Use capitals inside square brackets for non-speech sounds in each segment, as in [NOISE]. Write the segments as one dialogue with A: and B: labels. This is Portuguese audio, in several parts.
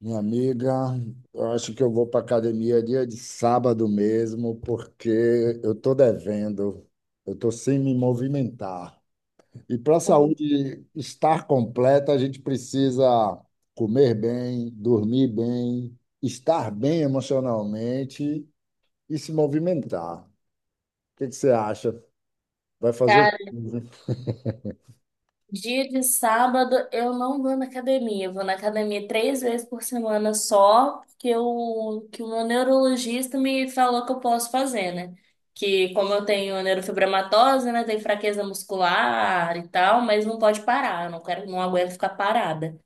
A: Minha amiga, eu acho que eu vou para academia dia de sábado mesmo, porque eu estou devendo, eu estou sem me movimentar. E para a
B: Então,
A: saúde estar completa, a gente precisa comer bem, dormir bem, estar bem emocionalmente e se movimentar. O que que você acha? Vai fazer o
B: cara,
A: quê?
B: dia de sábado eu não vou na academia. Eu vou na academia 3 vezes por semana só, porque o que o meu neurologista me falou que eu posso fazer, né? Que como eu tenho neurofibromatose, né? Tenho fraqueza muscular e tal, mas não pode parar. Eu não quero, não aguento ficar parada.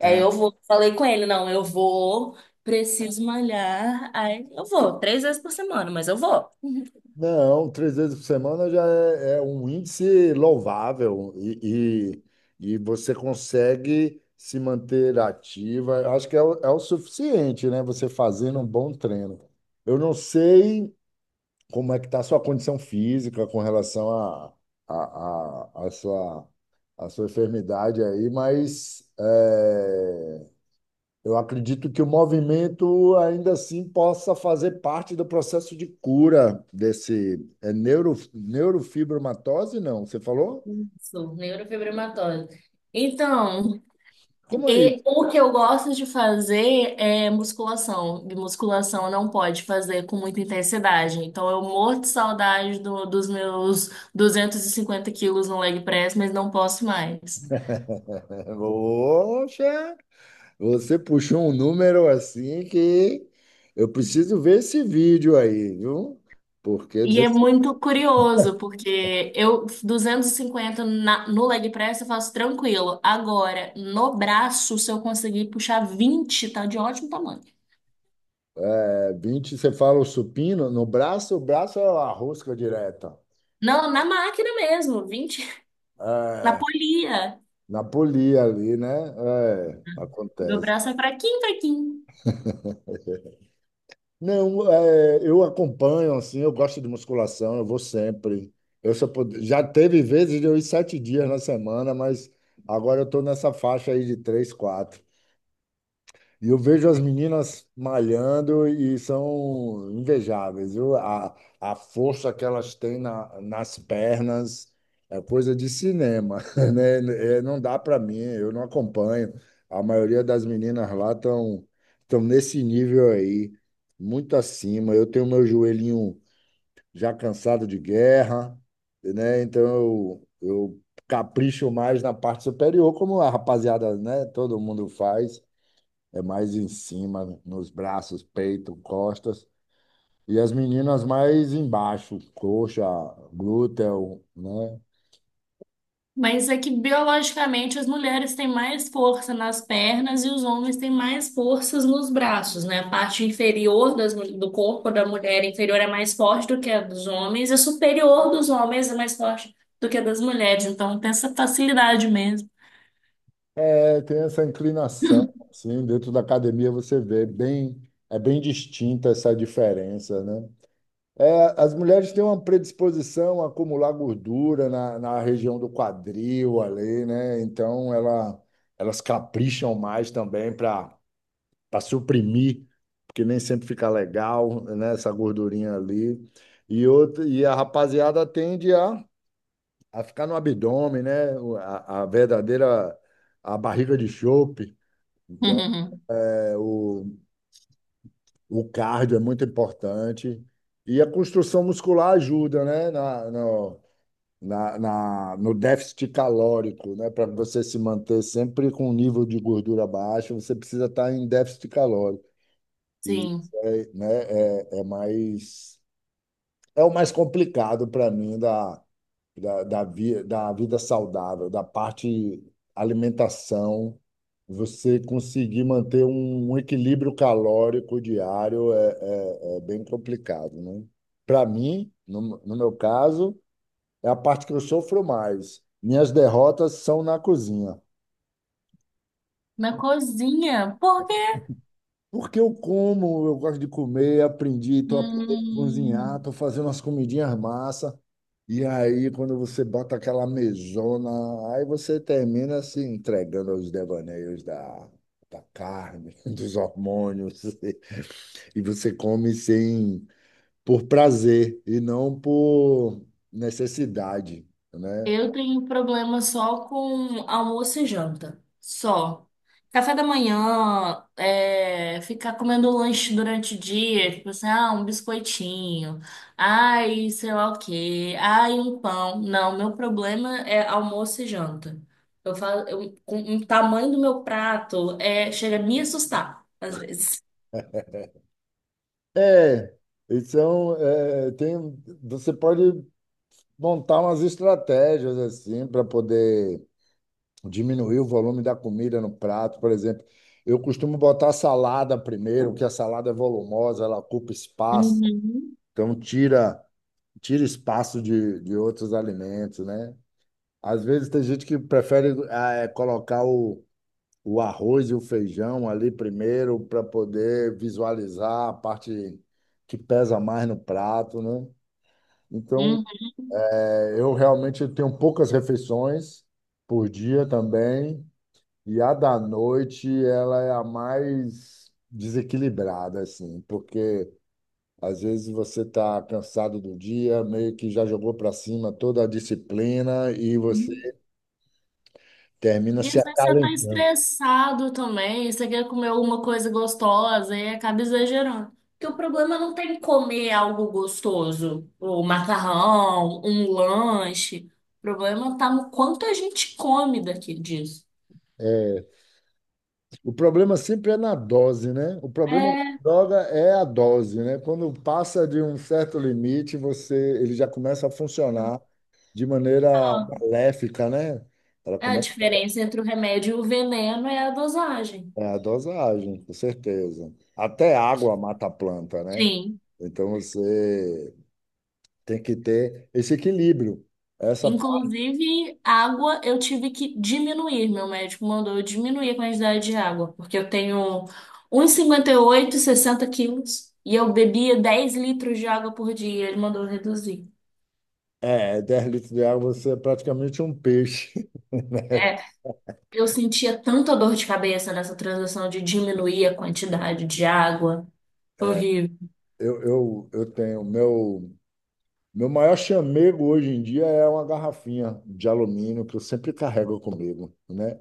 B: Aí
A: É.
B: eu vou, falei com ele, não, eu vou, preciso malhar. Aí eu vou 3 vezes por semana, mas eu vou.
A: Não, 3 vezes por semana já é um índice louvável e você consegue se manter ativa. Eu acho que é o suficiente, né? Você fazendo um bom treino. Eu não sei como é que está a sua condição física com relação à a, a, a, sua, a sua enfermidade aí, mas eu acredito que o movimento ainda assim possa fazer parte do processo de cura desse neurofibromatose, não? Você falou?
B: Sou neurofibromatose. Então.
A: Como é
B: E
A: isso?
B: o que eu gosto de fazer é musculação. E musculação não pode fazer com muita intensidade. Então eu morro de saudade dos meus 250 quilos no leg press, mas não posso mais.
A: [LAUGHS] Poxa, você puxou um número assim que eu preciso ver esse vídeo aí, viu? Porque
B: E
A: dizer-
B: é muito curioso, porque eu 250 no leg press eu faço tranquilo. Agora, no braço, se eu conseguir puxar 20, tá de ótimo tamanho.
A: 20, você fala o supino, no braço, o braço é a rosca direta.
B: Não, na máquina mesmo, 20, na
A: É,
B: polia.
A: na polia ali, né? É,
B: Meu
A: acontece.
B: braço é fraquinho, fraquinho.
A: Não, é, eu acompanho, assim, eu gosto de musculação, eu vou sempre. Já teve vezes de eu ir 7 dias na semana, mas agora eu estou nessa faixa aí de três, quatro. E eu vejo as meninas malhando e são invejáveis, viu? A força que elas têm nas pernas é coisa de cinema, [LAUGHS] né? É, não dá para mim, eu não acompanho. A maioria das meninas lá estão nesse nível aí, muito acima. Eu tenho meu joelhinho já cansado de guerra, né? Então eu capricho mais na parte superior, como a rapaziada, né? Todo mundo faz é mais em cima, nos braços, peito, costas. E as meninas mais embaixo, coxa, glúteo, né?
B: Mas é que biologicamente as mulheres têm mais força nas pernas e os homens têm mais forças nos braços, né? A parte inferior das do corpo da mulher inferior é mais forte do que a dos homens, e a superior dos homens é mais forte do que a das mulheres. Então tem essa facilidade mesmo.
A: É, tem essa inclinação, assim, dentro da academia você vê bem, é bem distinta essa diferença, né? É, as mulheres têm uma predisposição a acumular gordura na região do quadril ali, né? Então elas capricham mais também para suprimir, que nem sempre fica legal, né? Essa gordurinha ali. E, outra, e a rapaziada tende a ficar no abdômen, né? A verdadeira a barriga de chope. Então,
B: [LAUGHS]
A: é, o, o cardio é muito importante. E a construção muscular ajuda, né? Na, no, na, na- No déficit calórico, né? Para você se manter sempre com um nível de gordura baixo, você precisa estar em déficit calórico. E,
B: Sim.
A: é, né, é, é mais é o mais complicado para mim da vida saudável, da parte alimentação. Você conseguir manter um equilíbrio calórico diário é bem complicado, né? Para mim, no meu caso, é a parte que eu sofro mais. Minhas derrotas são na cozinha.
B: Na cozinha, por quê?
A: Porque eu como, eu gosto de comer, aprendi, tô aprendendo a cozinhar,
B: Hum.
A: tô fazendo umas comidinhas massa. E aí, quando você bota aquela mesona, aí você termina se entregando aos devaneios da carne, [LAUGHS] dos hormônios, e você come sem, por prazer e não por necessidade, né?
B: Eu tenho problema só com almoço e janta. Só. Café da manhã, é, ficar comendo lanche durante o dia, tipo assim, ah, um biscoitinho, ai, sei lá o quê, ai, um pão. Não, meu problema é almoço e janta. Eu falo, eu, com o tamanho do meu prato é, chega a me assustar, às vezes.
A: É, então, é, tem, você pode montar umas estratégias assim para poder diminuir o volume da comida no prato, por exemplo. Eu costumo botar salada primeiro, que a salada é volumosa, ela ocupa espaço,
B: Uhum,
A: então tira espaço de outros alimentos, né? Às vezes tem gente que prefere colocar o arroz e o feijão ali primeiro para poder visualizar a parte que pesa mais no prato, né? Então, é, eu realmente tenho poucas refeições por dia também. E a da noite, ela é a mais desequilibrada, assim, porque às vezes você está cansado do dia, meio que já jogou para cima toda a disciplina e
B: uhum.
A: você termina
B: E
A: se
B: às vezes você tá
A: acalentando.
B: estressado também, você quer comer alguma coisa gostosa e acaba exagerando. Porque o problema não tem comer algo gostoso, o macarrão, um lanche. O problema tá no quanto a gente come daqui disso.
A: É, o problema sempre é na dose, né? O problema da
B: É,
A: droga é a dose, né? Quando passa de um certo limite, ele já começa a funcionar de maneira
B: então,
A: maléfica, né? Ela
B: a
A: começa
B: diferença entre o remédio e o veneno é a dosagem.
A: É a dosagem, com certeza. Até água mata a planta, né?
B: Sim.
A: Então você tem que ter esse equilíbrio. Essa
B: Inclusive, água eu tive que diminuir. Meu médico mandou eu diminuir a quantidade de água, porque eu tenho um 1,58, 60 quilos e eu bebia 10 litros de água por dia. Ele mandou eu reduzir.
A: é 10 litros de água, você é praticamente um peixe.
B: É, eu sentia tanta dor de cabeça nessa transação de diminuir a quantidade de água.
A: [LAUGHS]
B: Horrível.
A: Eu tenho meu maior chamego hoje em dia é uma garrafinha de alumínio que eu sempre carrego comigo, né?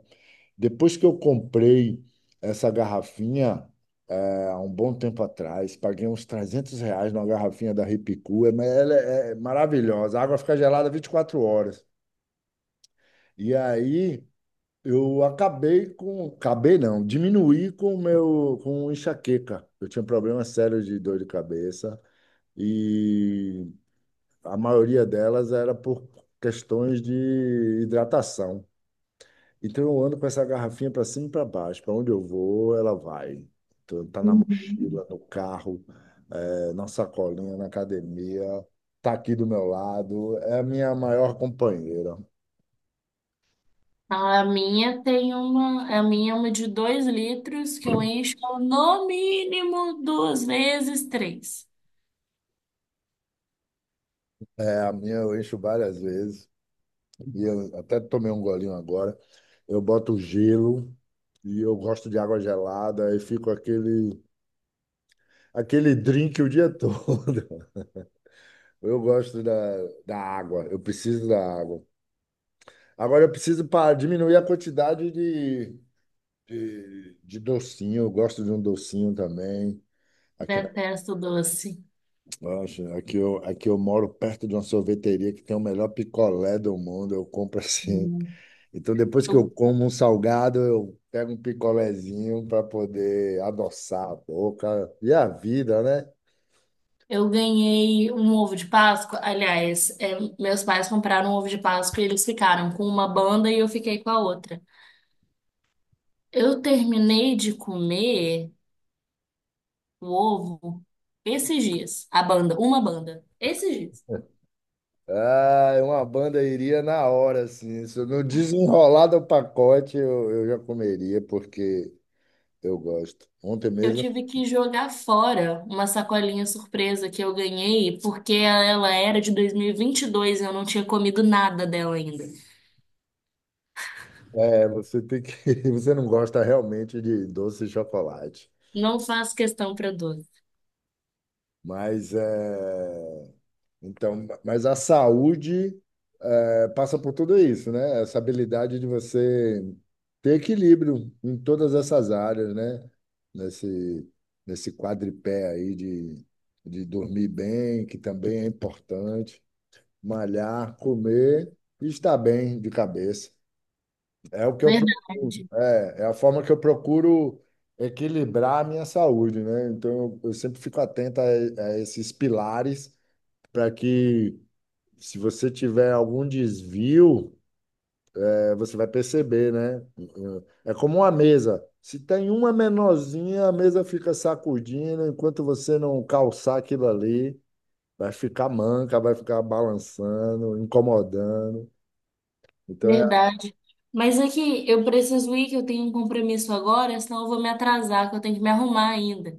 A: Depois que eu comprei essa garrafinha, há um bom tempo atrás, paguei uns R$ 300 numa garrafinha da Ripicu, mas ela é maravilhosa. A água fica gelada 24 horas. E aí eu acabei com, acabei não, diminuí com o meu, com enxaqueca. Eu tinha um problema sério de dor de cabeça, e a maioria delas era por questões de hidratação. Então eu ando com essa garrafinha para cima e para baixo. Para onde eu vou, ela vai. Então, tá na
B: Uhum.
A: mochila, no carro, na sacolinha, na academia, tá aqui do meu lado. É a minha maior companheira.
B: A minha tem uma, a minha é uma de 2 litros que eu encho no mínimo 2 vezes três.
A: É a minha, eu encho várias vezes. E eu até tomei um golinho agora. Eu boto gelo e eu gosto de água gelada e fico aquele drink o dia todo. [LAUGHS] Eu gosto da água, eu preciso da água. Agora eu preciso para diminuir a quantidade de docinho. Eu gosto de um docinho também. Aqui, na,
B: Detesto doce.
A: Nossa, aqui eu moro perto de uma sorveteria que tem o melhor picolé do mundo. Eu compro assim.
B: Hum.
A: Então, depois que
B: Eu,
A: eu como um salgado, eu pego um picolézinho para poder adoçar a boca. E a vida, né?
B: eu ganhei um ovo de Páscoa. Aliás, é, meus pais compraram um ovo de Páscoa e eles ficaram com uma banda e eu fiquei com a outra. Eu terminei de comer o ovo esses dias, a banda, uma banda, esses dias.
A: Ah, uma banda iria na hora, assim. Se eu não desenrolar do pacote, eu já comeria, porque eu gosto. Ontem
B: Eu
A: mesmo
B: tive que jogar fora uma sacolinha surpresa que eu ganhei porque ela era de 2022 e 22 e eu não tinha comido nada dela ainda.
A: é, você tem que, [LAUGHS] você não gosta realmente de doce de chocolate,
B: Não faço questão para doce.
A: mas é, então, mas a saúde é, passa por tudo isso, né? Essa habilidade de você ter equilíbrio em todas essas áreas, né? Nesse nesse quadripé aí de dormir bem, que também é importante, malhar, comer e estar bem de cabeça. É o que eu procuro,
B: Verdade.
A: é a forma que eu procuro equilibrar a minha saúde, né? Então eu sempre fico atento a esses pilares, para que, se você tiver algum desvio, você vai perceber, né? É como uma mesa. Se tem uma menorzinha, a mesa fica sacudindo, enquanto você não calçar aquilo ali, vai ficar manca, vai ficar balançando, incomodando. Então é.
B: Verdade. Mas é que eu preciso ir, que eu tenho um compromisso agora, senão eu vou me atrasar, que eu tenho que me arrumar ainda.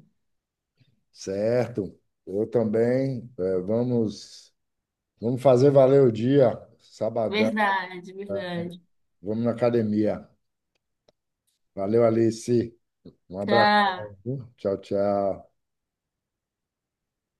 A: Certo. Eu também, é, vamos. Vamos fazer valer o dia, sabadão.
B: Verdade, verdade.
A: Vamos na academia. Valeu, Alice. Um abraço.
B: Tchau.
A: Tchau, tchau.